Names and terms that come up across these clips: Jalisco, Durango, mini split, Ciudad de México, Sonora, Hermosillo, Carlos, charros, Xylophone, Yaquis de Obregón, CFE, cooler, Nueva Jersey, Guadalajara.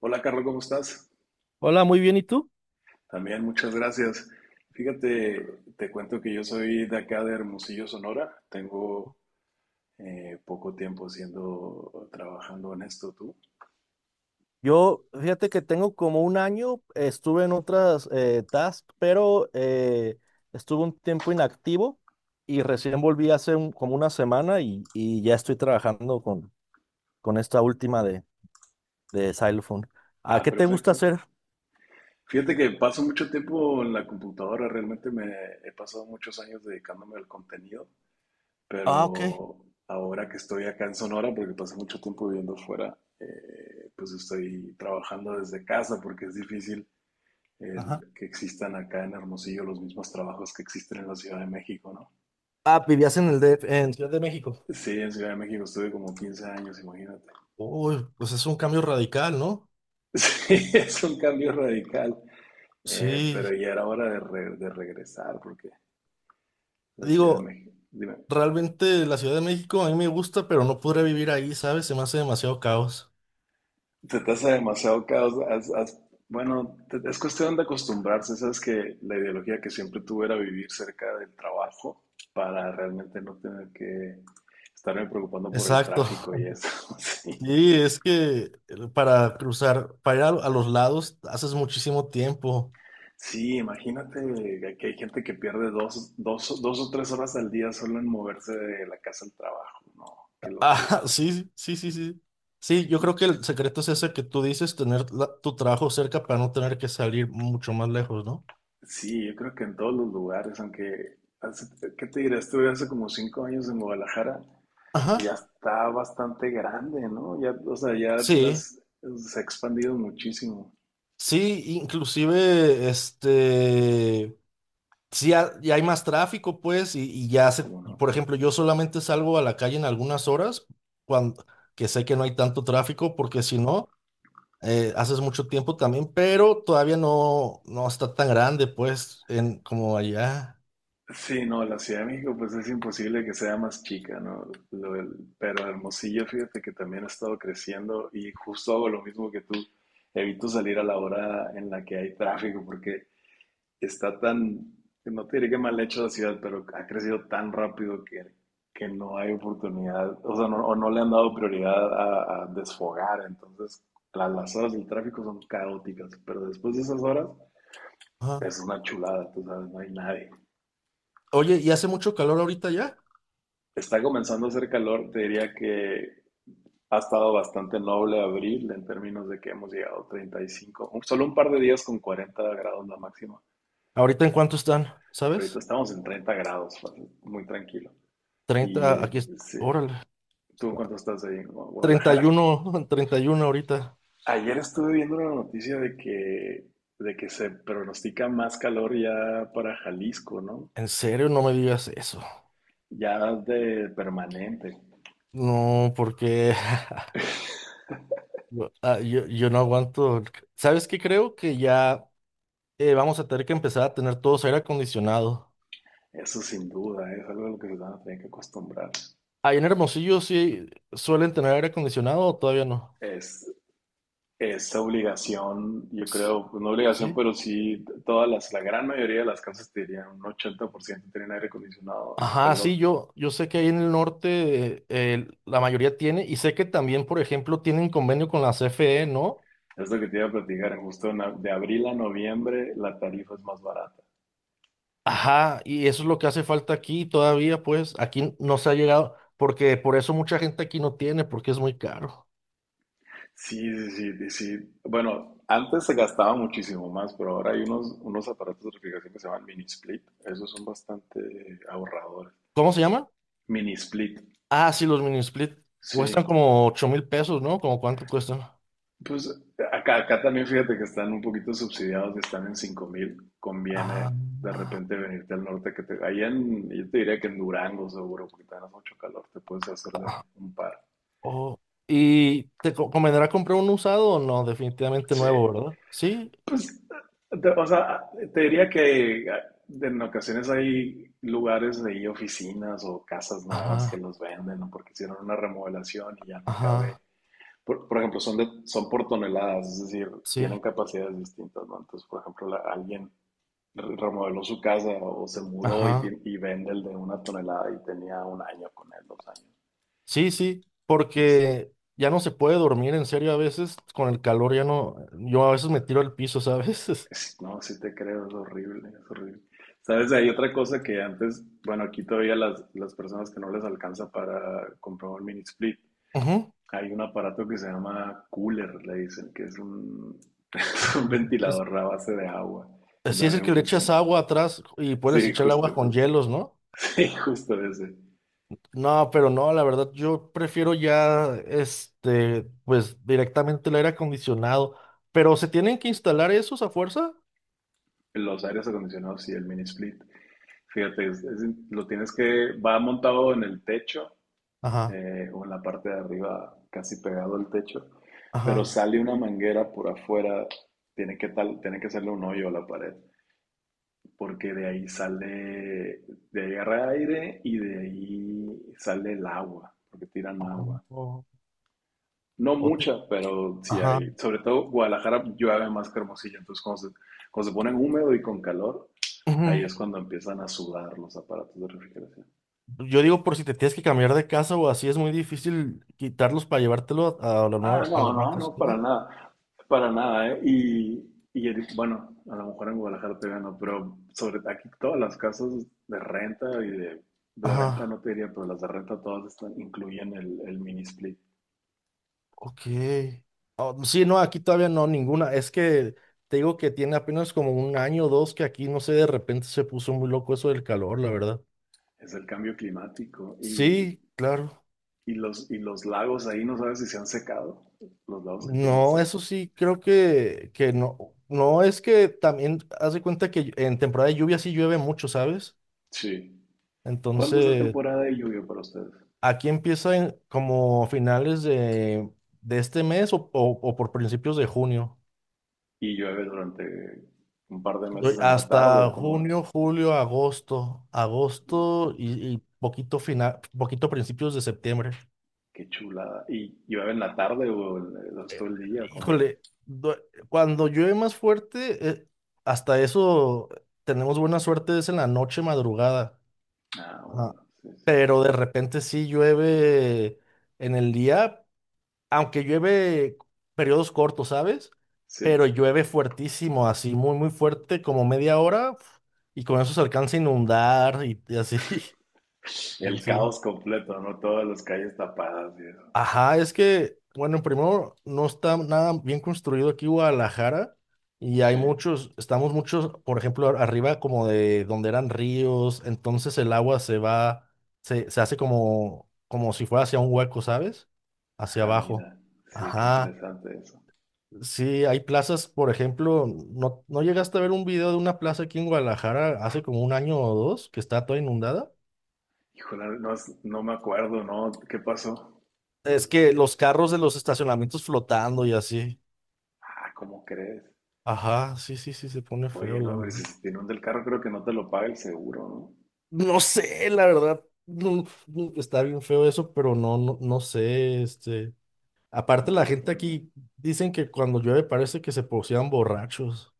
Hola, Carlos, ¿cómo estás? Hola, muy bien. ¿Y tú? También, muchas gracias. Fíjate, te cuento que yo soy de acá de Hermosillo, Sonora. Tengo poco tiempo siendo, trabajando en esto, ¿tú? Yo, fíjate que tengo como un año, estuve en otras tasks, pero estuve un tiempo inactivo y recién volví hace como una semana y ya estoy trabajando con esta última de Xylophone. ¿A Ah, qué te gusta perfecto. hacer? Fíjate que paso mucho tiempo en la computadora, realmente me he pasado muchos años dedicándome al contenido, Ah, ok. pero ahora que estoy acá en Sonora, porque pasé mucho tiempo viviendo fuera, pues estoy trabajando desde casa porque es difícil Ajá. el que existan acá en Hermosillo los mismos trabajos que existen en la Ciudad de México, ¿no? Ah, vivías en el DF, en Ciudad de México. Sí, en Ciudad de México estuve como 15 años, imagínate. Uy, pues es un cambio radical, ¿no? Sí, es un cambio radical, Sí. pero ya era hora de, de regresar porque la Ciudad de Digo, México, dime, realmente la Ciudad de México a mí me gusta, pero no podría vivir ahí, ¿sabes? Se me hace demasiado caos. te tasa demasiado caos, bueno, es cuestión de acostumbrarse, sabes que la ideología que siempre tuve era vivir cerca del trabajo para realmente no tener que estarme preocupando por el Exacto. tráfico y eso, sí. Sí, es que para cruzar, para ir a los lados, haces muchísimo tiempo. Sí, imagínate que hay gente que pierde dos o tres horas al día solo en moverse de la casa al trabajo. No, qué Ah, locura. sí, sí, sí, sí. Sí, yo creo que el secreto es ese que tú dices, tener tu trabajo cerca para no tener que salir mucho más lejos, ¿no? Sí, yo creo que en todos los lugares, aunque, ¿qué te diré? Estuve hace como cinco años en Guadalajara Ajá. y ya está bastante grande, ¿no? Ya, o sea, Sí, se ha expandido muchísimo, sí, inclusive, este, sí, ya hay más tráfico, pues, ¿cómo por no? ejemplo, yo solamente salgo a la calle en algunas horas, cuando, que sé que no hay tanto tráfico, porque si no haces mucho tiempo también, pero todavía no, no está tan grande, pues, en, como allá. Sí, no, la Ciudad de México pues es imposible que sea más chica, ¿no? Pero Hermosillo, fíjate que también ha estado creciendo y justo hago lo mismo que tú. Evito salir a la hora en la que hay tráfico porque está tan, no te diré que mal hecho la ciudad, pero ha crecido tan rápido que no hay oportunidad, o sea, no, o no le han dado prioridad a desfogar. Entonces, las horas del tráfico son caóticas, pero después de esas horas es Ajá. una chulada, tú sabes, no hay nadie. Oye, ¿y hace mucho calor ahorita ya? Está comenzando a hacer calor, te diría que ha estado bastante noble abril en términos de que hemos llegado a 35, solo un par de días con 40 grados la máxima. ¿Ahorita en cuánto están? Ahorita ¿Sabes? estamos en 30 grados, fácil, muy tranquilo. Y 30, aquí, sí, órale, ¿tú en cuánto estás ahí en treinta y Guadalajara? uno, 31 ahorita. Ayer estuve viendo una noticia de que se pronostica más calor ya para Jalisco, ¿no? En serio, no me digas eso. Ya de permanente. No, porque yo no aguanto. ¿Sabes qué? Creo que ya vamos a tener que empezar a tener todos aire acondicionado. Eso sin duda, ¿eh? Es algo a lo que se van a tener que acostumbrar. Ahí en Hermosillo sí suelen tener aire acondicionado o todavía no. Es, esa obligación, yo creo, pues, no obligación, ¿Sí? pero sí la gran mayoría de las casas te dirían, un 80% tienen aire acondicionado. Pues Ajá, lo, yo sé que ahí en el norte la mayoría tiene y sé que también, por ejemplo, tienen convenio con la CFE, ¿no? es lo que te iba a platicar, en justo en de abril a noviembre la tarifa es más barata. Ajá, y eso es lo que hace falta aquí todavía, pues aquí no se ha llegado, porque por eso mucha gente aquí no tiene, porque es muy caro. Sí, sí, sí, sí. Bueno, antes se gastaba muchísimo más, pero ahora hay unos, unos aparatos de refrigeración que se llaman mini split. Esos son bastante ahorradores. ¿Cómo se llaman? Mini split, Ah, sí, los mini split cuestan sí. como 8000 pesos, ¿no? ¿Como cuánto cuestan? Pues acá también fíjate que están un poquito subsidiados y están en 5000. Ah, Conviene de ah, repente venirte al norte, que te, ahí en, yo te diría que en Durango seguro, porque tenés mucho calor, te puedes hacer de ah, un par. oh. ¿Y te convendrá comprar un usado o no? Definitivamente Sí, nuevo, ¿verdad? Sí. pues, o sea, te diría que en ocasiones hay lugares de ahí, oficinas o casas nuevas que Ajá, los venden, ¿no? Porque hicieron una remodelación y ya no cabe. ajá. Por ejemplo, son, de, son por toneladas, es decir, Sí, tienen capacidades distintas, ¿no? Entonces, por ejemplo, alguien remodeló su casa o se mudó y, ajá. Y vende el de una tonelada y tenía un año con él, dos años. Sí, sí, Y sí, porque ya no se puede dormir en serio a veces con el calor, ya no, yo a veces me tiro al piso, ¿sabes? No, sí te creo, es horrible, es horrible. ¿Sabes? Hay otra cosa que antes, bueno, aquí todavía las personas que no les alcanza para comprar un mini split, Ujú. hay un aparato que se llama cooler, le dicen, que es un, es un Ah, ventilador a base de agua, que sí es el también que le echas funciona. agua atrás y puedes Sí, echar el justo, agua con justo. hielos, ¿no? Sí, justo ese. No, pero no, la verdad, yo prefiero ya, este, pues directamente el aire acondicionado. Pero se tienen que instalar esos a fuerza. Los aires acondicionados y el mini split. Fíjate, lo tienes que, va montado en el techo Ajá, o en la parte de arriba, casi pegado al techo, pero ajá. sale una manguera por afuera, tiene que, tal, tiene que hacerle un hoyo a la pared, porque de ahí sale, de ahí agarra aire y de ahí sale el agua, porque tiran agua. Oh, No o te- mucha, pero sí ajá. hay, sobre todo Guadalajara llueve más que Hermosillo, entonces cuando se ponen húmedo y con calor, Ujú. ahí es cuando empiezan a sudar los aparatos de refrigeración. Yo digo, por si te tienes que cambiar de casa o así, es muy difícil quitarlos para llevártelo Ah, a la no, nueva no, casa, no, ¿no? Para nada, ¿eh? Y, bueno, a lo mejor en Guadalajara todavía no, pero sobre aquí todas las casas de renta y de venta Ajá, no te diría, pero las de renta todas están, incluyen el mini split, ok. Ah, sí, no, aquí todavía no, ninguna. Es que te digo que tiene apenas como un año o dos que aquí, no sé, de repente se puso muy loco eso del calor, la verdad. es el cambio climático Sí, claro. Y los lagos ahí no sabes si se han secado, los lagos que tienen No, cerca. eso sí, creo que no. No, es que también haz de cuenta que en temporada de lluvia sí llueve mucho, ¿sabes? Sí. ¿Cuándo es la Entonces, temporada de lluvia para ustedes? aquí empieza como finales de este mes o, o por principios de junio. ¿Y llueve durante un par de Doy meses en la tarde hasta o cómo junio, es? julio, agosto. Agosto y poquito final, poquito principios de septiembre. Qué chulada. ¿Y llueve en la tarde o durante todo el día? ¿Cómo? Híjole, cuando llueve más fuerte, hasta eso tenemos buena suerte, es en la noche madrugada. Ah, Ajá. bueno, sí, sí. Pero de repente sí llueve en el día, aunque llueve periodos cortos, ¿sabes? Sí. Pero llueve fuertísimo, así muy, muy fuerte, como media hora, uf, y con eso se alcanza a inundar y así. El Sí. caos completo, ¿no? Todas las calles tapadas y eso. Ajá, es que, bueno, primero, no está nada bien construido aquí Guadalajara y hay Sí. muchos, estamos muchos, por ejemplo, arriba como de donde eran ríos, entonces el agua se va, se hace como si fuera hacia un hueco, ¿sabes? Hacia Ah, abajo. mira. Sí, qué Ajá. interesante eso. Sí, hay plazas, por ejemplo, ¿no, no llegaste a ver un video de una plaza aquí en Guadalajara hace como un año o dos que está toda inundada? Híjole, no, no me acuerdo, ¿no? ¿Qué pasó? Es que los carros de los estacionamientos flotando y así. Ah, ¿cómo crees? Ajá, sí, sí, sí, se pone Oye, feo, no, la hombre, verdad. si se te inunda el carro, creo que no te lo paga el seguro, ¿no? No sé, la verdad, no, no, está bien feo eso, pero no, no, no sé, este. Aparte, No la sabes gente cómo funciona. aquí dicen que cuando llueve parece que se posean borrachos.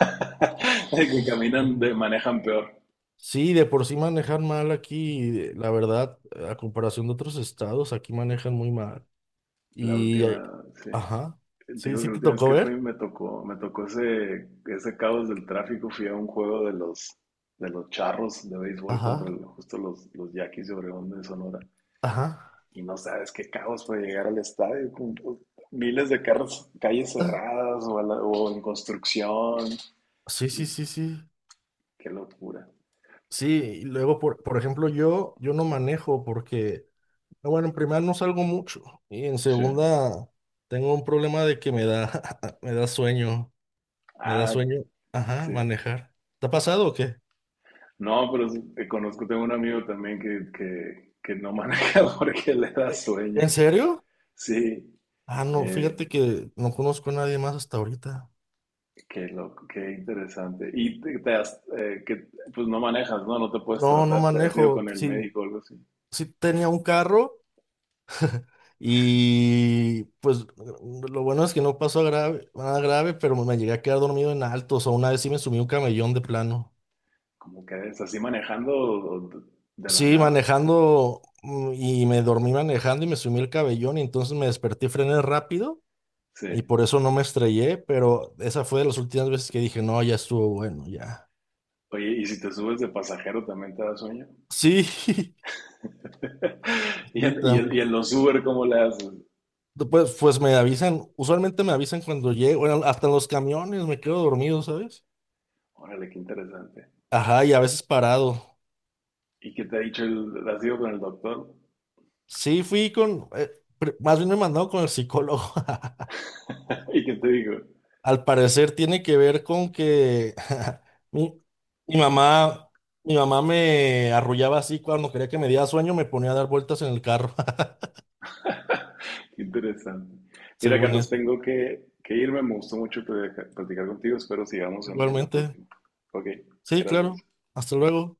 Que caminan, de, manejan peor. Sí, de por sí manejan mal aquí, la verdad, a comparación de otros estados, aquí manejan muy mal. La Y, última, sí. ajá, Te sí, digo que sí la te última vez tocó que fui ver, me tocó ese, ese caos del tráfico. Fui a un juego de los charros de béisbol contra ajá, justo los Yaquis de Obregón de Sonora. ajá, Y no sabes qué caos fue llegar al estadio con miles de carros, calles ah, cerradas o, o en construcción. sí, Y sí, sí, sí, qué locura. sí, y luego, por ejemplo, yo no manejo porque, ah, bueno, en primera no salgo mucho, y en Sí. segunda tengo un problema de que me da, me da sueño, me da Ah, sueño, ajá, sí. manejar. ¿Te ha pasado o qué? No, pero sí, conozco, tengo un amigo también que, que no maneja porque le da Eh, sueño. ¿En serio? Sí. Ah, no, Eh, fíjate que no conozco a nadie más hasta ahorita. qué loco, qué interesante. Y te has, pues no manejas, ¿no? No te puedes No, no tratar, te has ido manejo. con el Sí, médico o algo así. sí tenía un carro y pues lo bueno es que no pasó a grave, nada grave, pero me llegué a quedar dormido en altos. O una vez sí me sumí un camellón de plano. Como que es así manejando o de la Sí, nada. manejando y me dormí manejando y me sumí el cabellón y entonces me desperté, frené rápido Sí. y por eso no me estrellé, pero esa fue de las últimas veces que dije, no, ya estuvo bueno, ya. Oye, y si te subes de pasajero también te da sueño. Sí, sí, Y en, y en también. los Uber, ¿cómo le haces? Pues me avisan, usualmente me avisan cuando llego, bueno, hasta en los camiones me quedo dormido, ¿sabes? Órale, qué interesante. Ajá, y a veces parado. ¿Y qué te ha dicho el, has ido con el doctor? Sí, fui con, más bien me mandaron con el psicólogo. ¿Y qué te digo? Al parecer tiene que ver con que mi, mi mamá, mi mamá me arrullaba así cuando quería que me diera sueño, me ponía a dar vueltas en el carro, Qué interesante. Mira, según Carlos, eso. tengo que irme. Me gustó mucho platicar platicar contigo. Espero sigamos en la Igualmente, próxima. Ok, sí, claro. gracias. Hasta luego.